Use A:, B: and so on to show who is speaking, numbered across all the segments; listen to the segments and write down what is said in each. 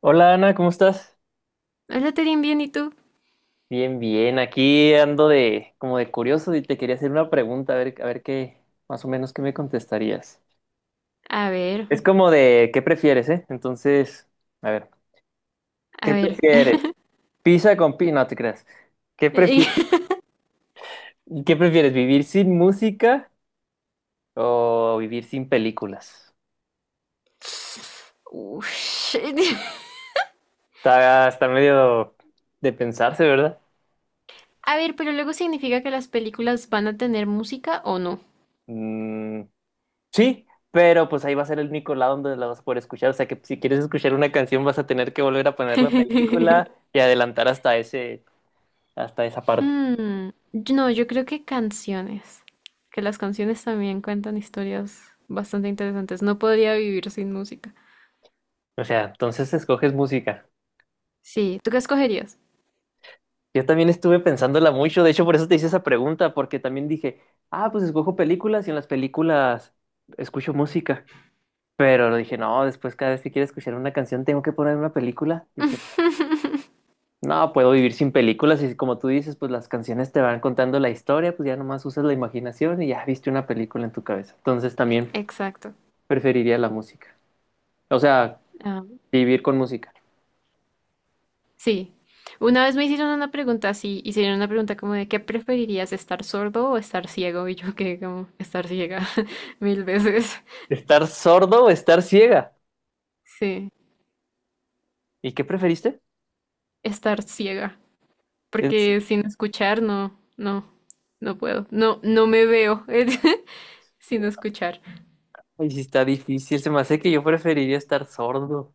A: Hola Ana, ¿cómo estás?
B: Hola, Terín, bien, ¿y tú?
A: Bien, bien, aquí ando de como de curioso y te quería hacer una pregunta, a ver qué, más o menos qué me contestarías.
B: A ver,
A: Es como de qué prefieres, ¿eh? Entonces, a ver,
B: a
A: ¿qué
B: ver.
A: prefieres? Pizza con pi, no te creas. ¿Qué
B: Y-
A: prefieres? ¿Qué prefieres? ¿Vivir sin música o vivir sin películas?
B: Ush.
A: Está medio de pensarse, ¿verdad?
B: A ver, pero luego significa que las películas van a tener música o no.
A: Mm, sí, pero pues ahí va a ser el único lado donde la vas a poder escuchar. O sea que si quieres escuchar una canción vas a tener que volver a poner la película y adelantar hasta hasta esa parte.
B: Hmm, No, yo creo que canciones. Que las canciones también cuentan historias bastante interesantes. No podría vivir sin música.
A: O sea, entonces escoges música.
B: Sí, ¿tú qué escogerías?
A: Yo también estuve pensándola mucho, de hecho por eso te hice esa pregunta, porque también dije, ah, pues escojo películas y en las películas escucho música. Pero dije, no, después cada vez que quiero escuchar una canción tengo que poner una película. Dije, no, puedo vivir sin películas y como tú dices, pues las canciones te van contando la historia, pues ya nomás usas la imaginación y ya viste una película en tu cabeza. Entonces también
B: Exacto.
A: preferiría la música. O sea,
B: Ah.
A: vivir con música.
B: Sí. Una vez me hicieron una pregunta así, hicieron una pregunta como de ¿qué preferirías, estar sordo o estar ciego? Y yo que como estar ciega 1000 veces.
A: ¿Estar sordo o estar ciega?
B: Sí,
A: ¿Y qué preferiste?
B: estar ciega,
A: Es-
B: porque sin escuchar no puedo. No, no me veo sin escuchar.
A: Ay, sí está difícil, se me hace que yo preferiría estar sordo.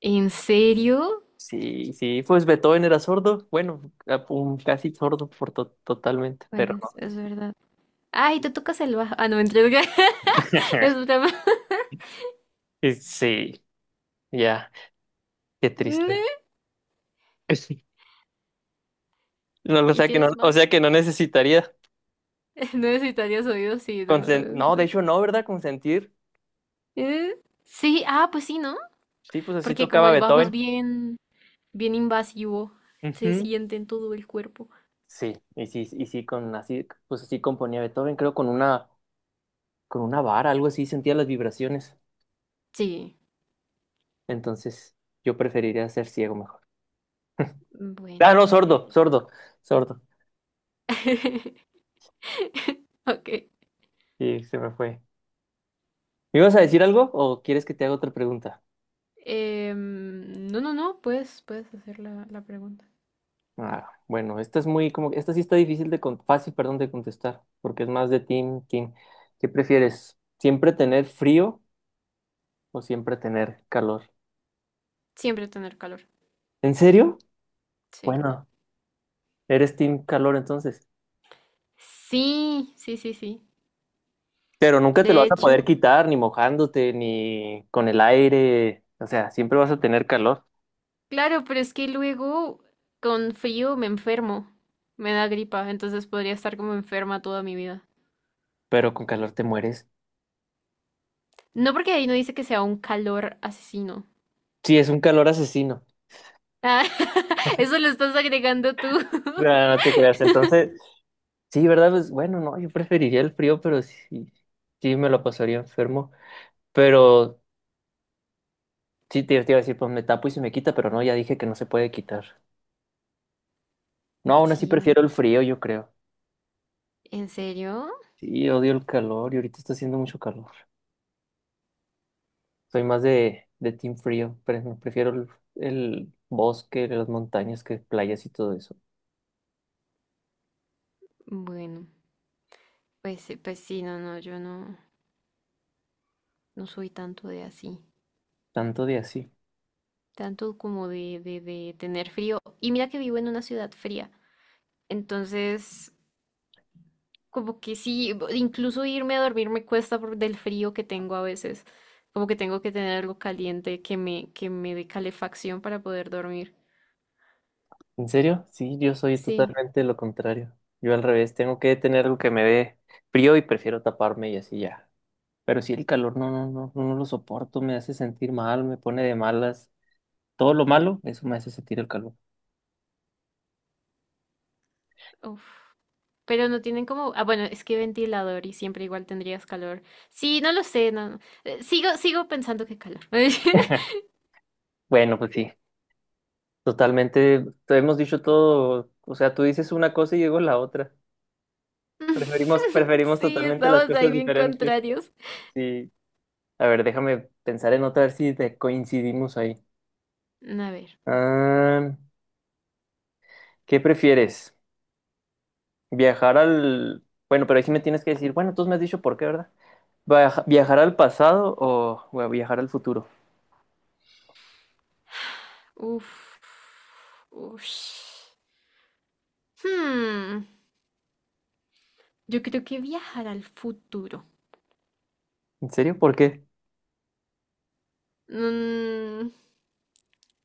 B: ¿En serio?
A: Sí, sí, pues Beethoven era sordo, bueno, a- un- casi sordo por to- totalmente, pero
B: Bueno,
A: no.
B: es verdad. Ay, te tocas el bajo. Ah, no, mentira. Es broma.
A: Sí, ya, qué triste.
B: Ne-
A: No, o
B: Y
A: sea que no,
B: tienes
A: o
B: más.
A: sea que no necesitaría
B: No necesitarías oídos, sí, no.
A: consen- No, de hecho no, ¿verdad? Consentir.
B: Eh, Sí, ah, pues sí, ¿no?
A: Sí, pues así
B: Porque como
A: tocaba
B: el bajo es
A: Beethoven.
B: bien, bien invasivo, se
A: Ujú.
B: siente en todo el cuerpo.
A: Sí, y sí, y sí, con así, pues así componía Beethoven, creo con una vara, algo así, sentía las vibraciones.
B: Sí,
A: Entonces, yo preferiría ser ciego mejor.
B: bueno.
A: Ah, no,
B: eh.
A: sordo, sordo, sordo.
B: Ok.
A: Sí, se me fue. ¿Me ibas a decir algo o quieres que te haga otra pregunta?
B: No, no, no, puedes, puedes hacer la pregunta.
A: Ah, bueno, esta es muy como, esta sí está difícil de, con- fácil, perdón, de contestar, porque es más de team, team. ¿Qué prefieres? ¿Siempre tener frío o siempre tener calor?
B: Siempre tener calor.
A: ¿En serio?
B: Sí.
A: Bueno, eres team calor entonces.
B: Sí, sí, sí, sí.
A: Pero nunca te lo
B: De
A: vas a poder
B: hecho,
A: quitar, ni mojándote, ni con el aire. O sea, siempre vas a tener calor,
B: claro, pero es que luego con frío me enfermo. Me da gripa, entonces podría estar como enferma toda mi vida.
A: pero con calor te mueres.
B: No porque ahí no dice que sea un calor asesino.
A: Sí, es un calor asesino.
B: Ah, eso lo estás agregando tú.
A: No, no te creas. Entonces, sí, ¿verdad? Pues bueno, no, yo preferiría el frío, pero sí, sí me lo pasaría enfermo. Pero sí, te iba a decir, pues me tapo y se me quita, pero no, ya dije que no se puede quitar. No, aún así
B: Sí, no.
A: prefiero el frío, yo creo.
B: ¿En serio?
A: Sí, odio el calor y ahorita está haciendo mucho calor. Soy más de team frío, pero prefiero el bosque, las montañas que playas y todo eso.
B: Bueno, pues, pues sí, no, no, yo no, no soy tanto de así,
A: Tanto de así.
B: tanto como de tener frío. Y mira que vivo en una ciudad fría, entonces como que sí, incluso irme a dormir me cuesta por del frío que tengo a veces, como que tengo que tener algo caliente que me dé calefacción para poder dormir.
A: ¿En serio? Sí, yo soy
B: Sí,
A: totalmente lo contrario. Yo al revés, tengo que tener algo que me dé frío y prefiero taparme y así ya. Pero sí el calor, no lo soporto, me hace sentir mal, me pone de malas. Todo lo malo, eso me hace sentir el calor.
B: Uf. Pero no tienen como, ah, bueno, es que ventilador y siempre igual tendrías calor. Sí, no lo sé, no, no. Sigo pensando que calor.
A: Bueno, pues sí, totalmente, te hemos dicho todo, o sea, tú dices una cosa y digo la otra. Preferimos
B: Sí,
A: totalmente las
B: estamos ahí
A: cosas
B: bien
A: diferentes.
B: contrarios.
A: Sí. A ver, déjame pensar en otra, a ver si te coincidimos ahí.
B: A ver.
A: Ah, ¿qué prefieres? ¿Viajar al... Bueno, pero ahí sí me tienes que decir, bueno, tú me has dicho por qué, ¿verdad? Viaja- ¿Viajar al pasado o bueno, viajar al futuro?
B: Uf. Ush. Hmm. Yo creo que viajar al futuro.
A: ¿En serio? ¿Por qué?
B: Mm,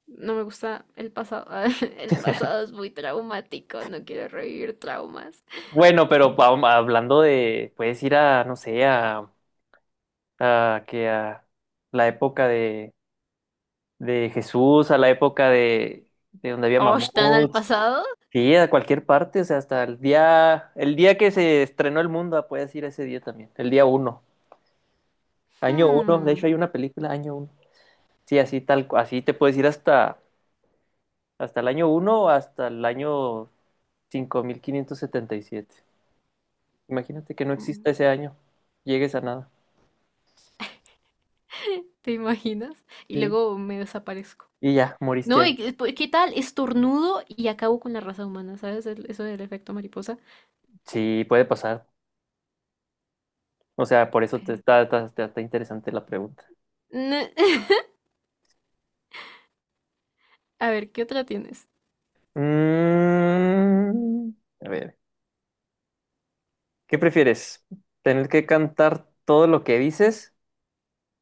B: no me gusta el pasado. El pasado es muy traumático. No quiero revivir traumas.
A: Bueno, pero pa- hablando de, puedes ir a, no sé, a la época de Jesús, a la época de donde había
B: ¿O están al
A: mamuts.
B: pasado?
A: Sí, a cualquier parte, o sea, hasta el día que se estrenó el mundo, ah, puedes ir ese día también, el día uno, año uno, de
B: Hmm.
A: hecho hay una película, año uno. Sí, así tal, cu- así te puedes ir hasta el año uno o hasta el año 5577. Imagínate que no exista
B: mm.
A: ese año, llegues a nada.
B: ¿Te imaginas? Y
A: Sí.
B: luego me desaparezco.
A: Y ya, moriste
B: No,
A: ahí.
B: pues, ¿qué tal? Estornudo y acabo con la raza humana, ¿sabes? Eso del efecto mariposa.
A: Sí, puede pasar. O sea, por eso te
B: Pero-
A: está interesante la pregunta.
B: Ne- A ver, ¿qué otra tienes?
A: Mm, a ver. ¿Qué prefieres? ¿Tener que cantar todo lo que dices?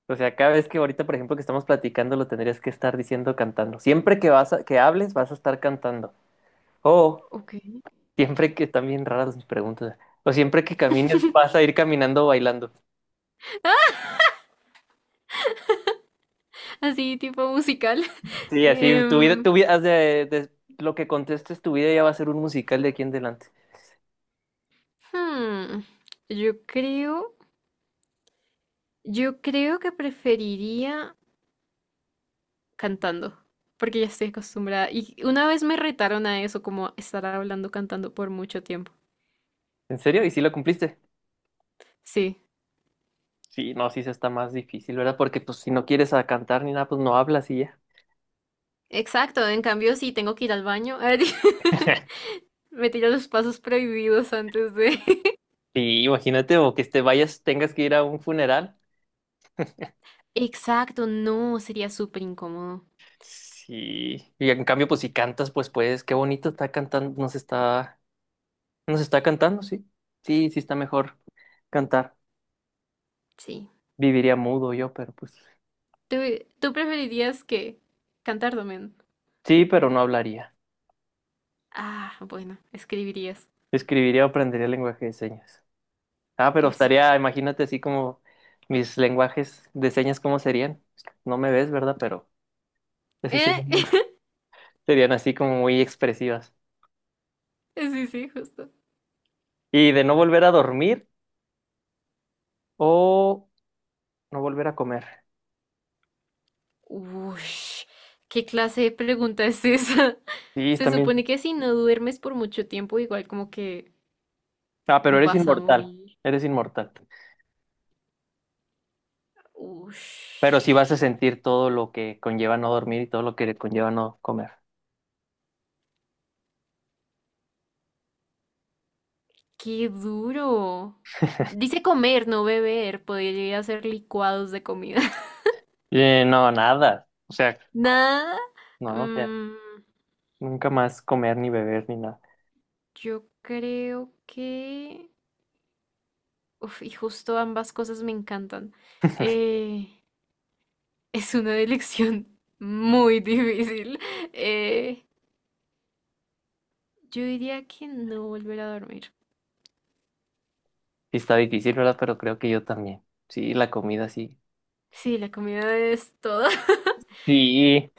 A: O sea, cada vez que ahorita, por ejemplo, que estamos platicando, lo tendrías que estar diciendo cantando. Siempre que vas a- que hables, vas a estar cantando. O
B: Ok.
A: siempre que están bien raras mis preguntas. O siempre que camines, vas a ir caminando bailando.
B: Así, tipo musical.
A: Sí, así
B: Em,
A: tu vida, haz de- lo que contestes, tu vida ya va a ser un musical de aquí en adelante.
B: hmm, Yo creo, yo creo que preferiría cantando, porque ya estoy acostumbrada. Y una vez me retaron a eso, como estar hablando cantando por mucho tiempo.
A: ¿En serio? ¿Y si lo cumpliste?
B: Sí,
A: Sí, no, sí se está más difícil, ¿verdad? Porque pues si no quieres a cantar ni nada, pues no hablas y ya.
B: exacto. En cambio, si tengo que ir al baño. Me tira los pasos prohibidos antes de…
A: Sí, imagínate, o que te vayas, tengas que ir a un funeral.
B: Exacto, no, sería súper incómodo.
A: Sí. Y en cambio, pues si cantas, pues, qué bonito está cantando, nos está cantando, sí. Sí, sí está mejor cantar.
B: Sí.
A: Viviría mudo yo, pero pues.
B: ¿Tú, ¿tú preferirías que cantar también?
A: Sí, pero no hablaría.
B: Ah, bueno, escribirías.
A: Escribiría o aprendería lenguaje de señas. Ah, pero
B: Eso.
A: estaría, imagínate así como mis lenguajes de señas, ¿cómo serían? No me ves, ¿verdad? Pero así
B: ¿Eh?
A: serían, muy- serían así como muy expresivas.
B: Sí, sí, justo.
A: Y de no volver a dormir o no volver a comer.
B: Uy, ¿qué clase de pregunta es esa?
A: Sí,
B: Se supone
A: también.
B: que si no duermes por mucho tiempo, igual como que
A: Ah, pero eres
B: vas a
A: inmortal.
B: morir.
A: Eres inmortal.
B: Uy,
A: Pero sí vas a sentir todo lo que conlleva no dormir y todo lo que conlleva no comer.
B: qué duro. Dice comer, no beber. Podría ser licuados de comida.
A: No, nada. O sea,
B: Nada.
A: no, o sea,
B: Mm,
A: nunca más comer ni beber ni nada.
B: yo creo que… Uf, y justo ambas cosas me encantan. Eh, es una elección muy difícil. Eh, yo diría que no volver a dormir.
A: Sí está difícil, ¿verdad? Pero creo que yo también. Sí, la comida sí.
B: Sí, la comida es todo.
A: Sí.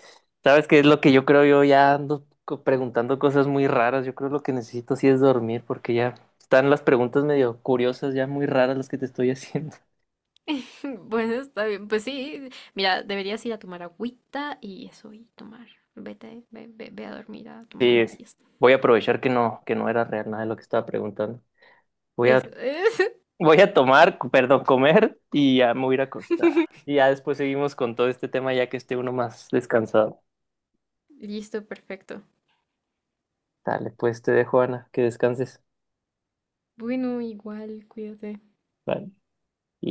A: ¿Sabes qué es lo que yo creo? Yo ya ando co- preguntando cosas muy raras. Yo creo lo que necesito sí es dormir porque ya están las preguntas medio curiosas, ya muy raras las que te estoy haciendo.
B: Bueno, está bien. Pues sí, mira, deberías ir a tomar agüita y eso, y tomar. Vete, ve, ve, ve a dormir, a tomar una
A: Sí,
B: siesta.
A: voy a aprovechar que no era real nada de lo que estaba preguntando. Voy
B: Eso
A: a,
B: es.
A: voy a tomar, perdón, comer y ya me voy a ir a acostar. Y ya después seguimos con todo este tema ya que esté uno más descansado.
B: Listo, perfecto.
A: Dale, pues te dejo, Ana, que descanses.
B: Bueno, igual, cuídate.
A: Vale. Y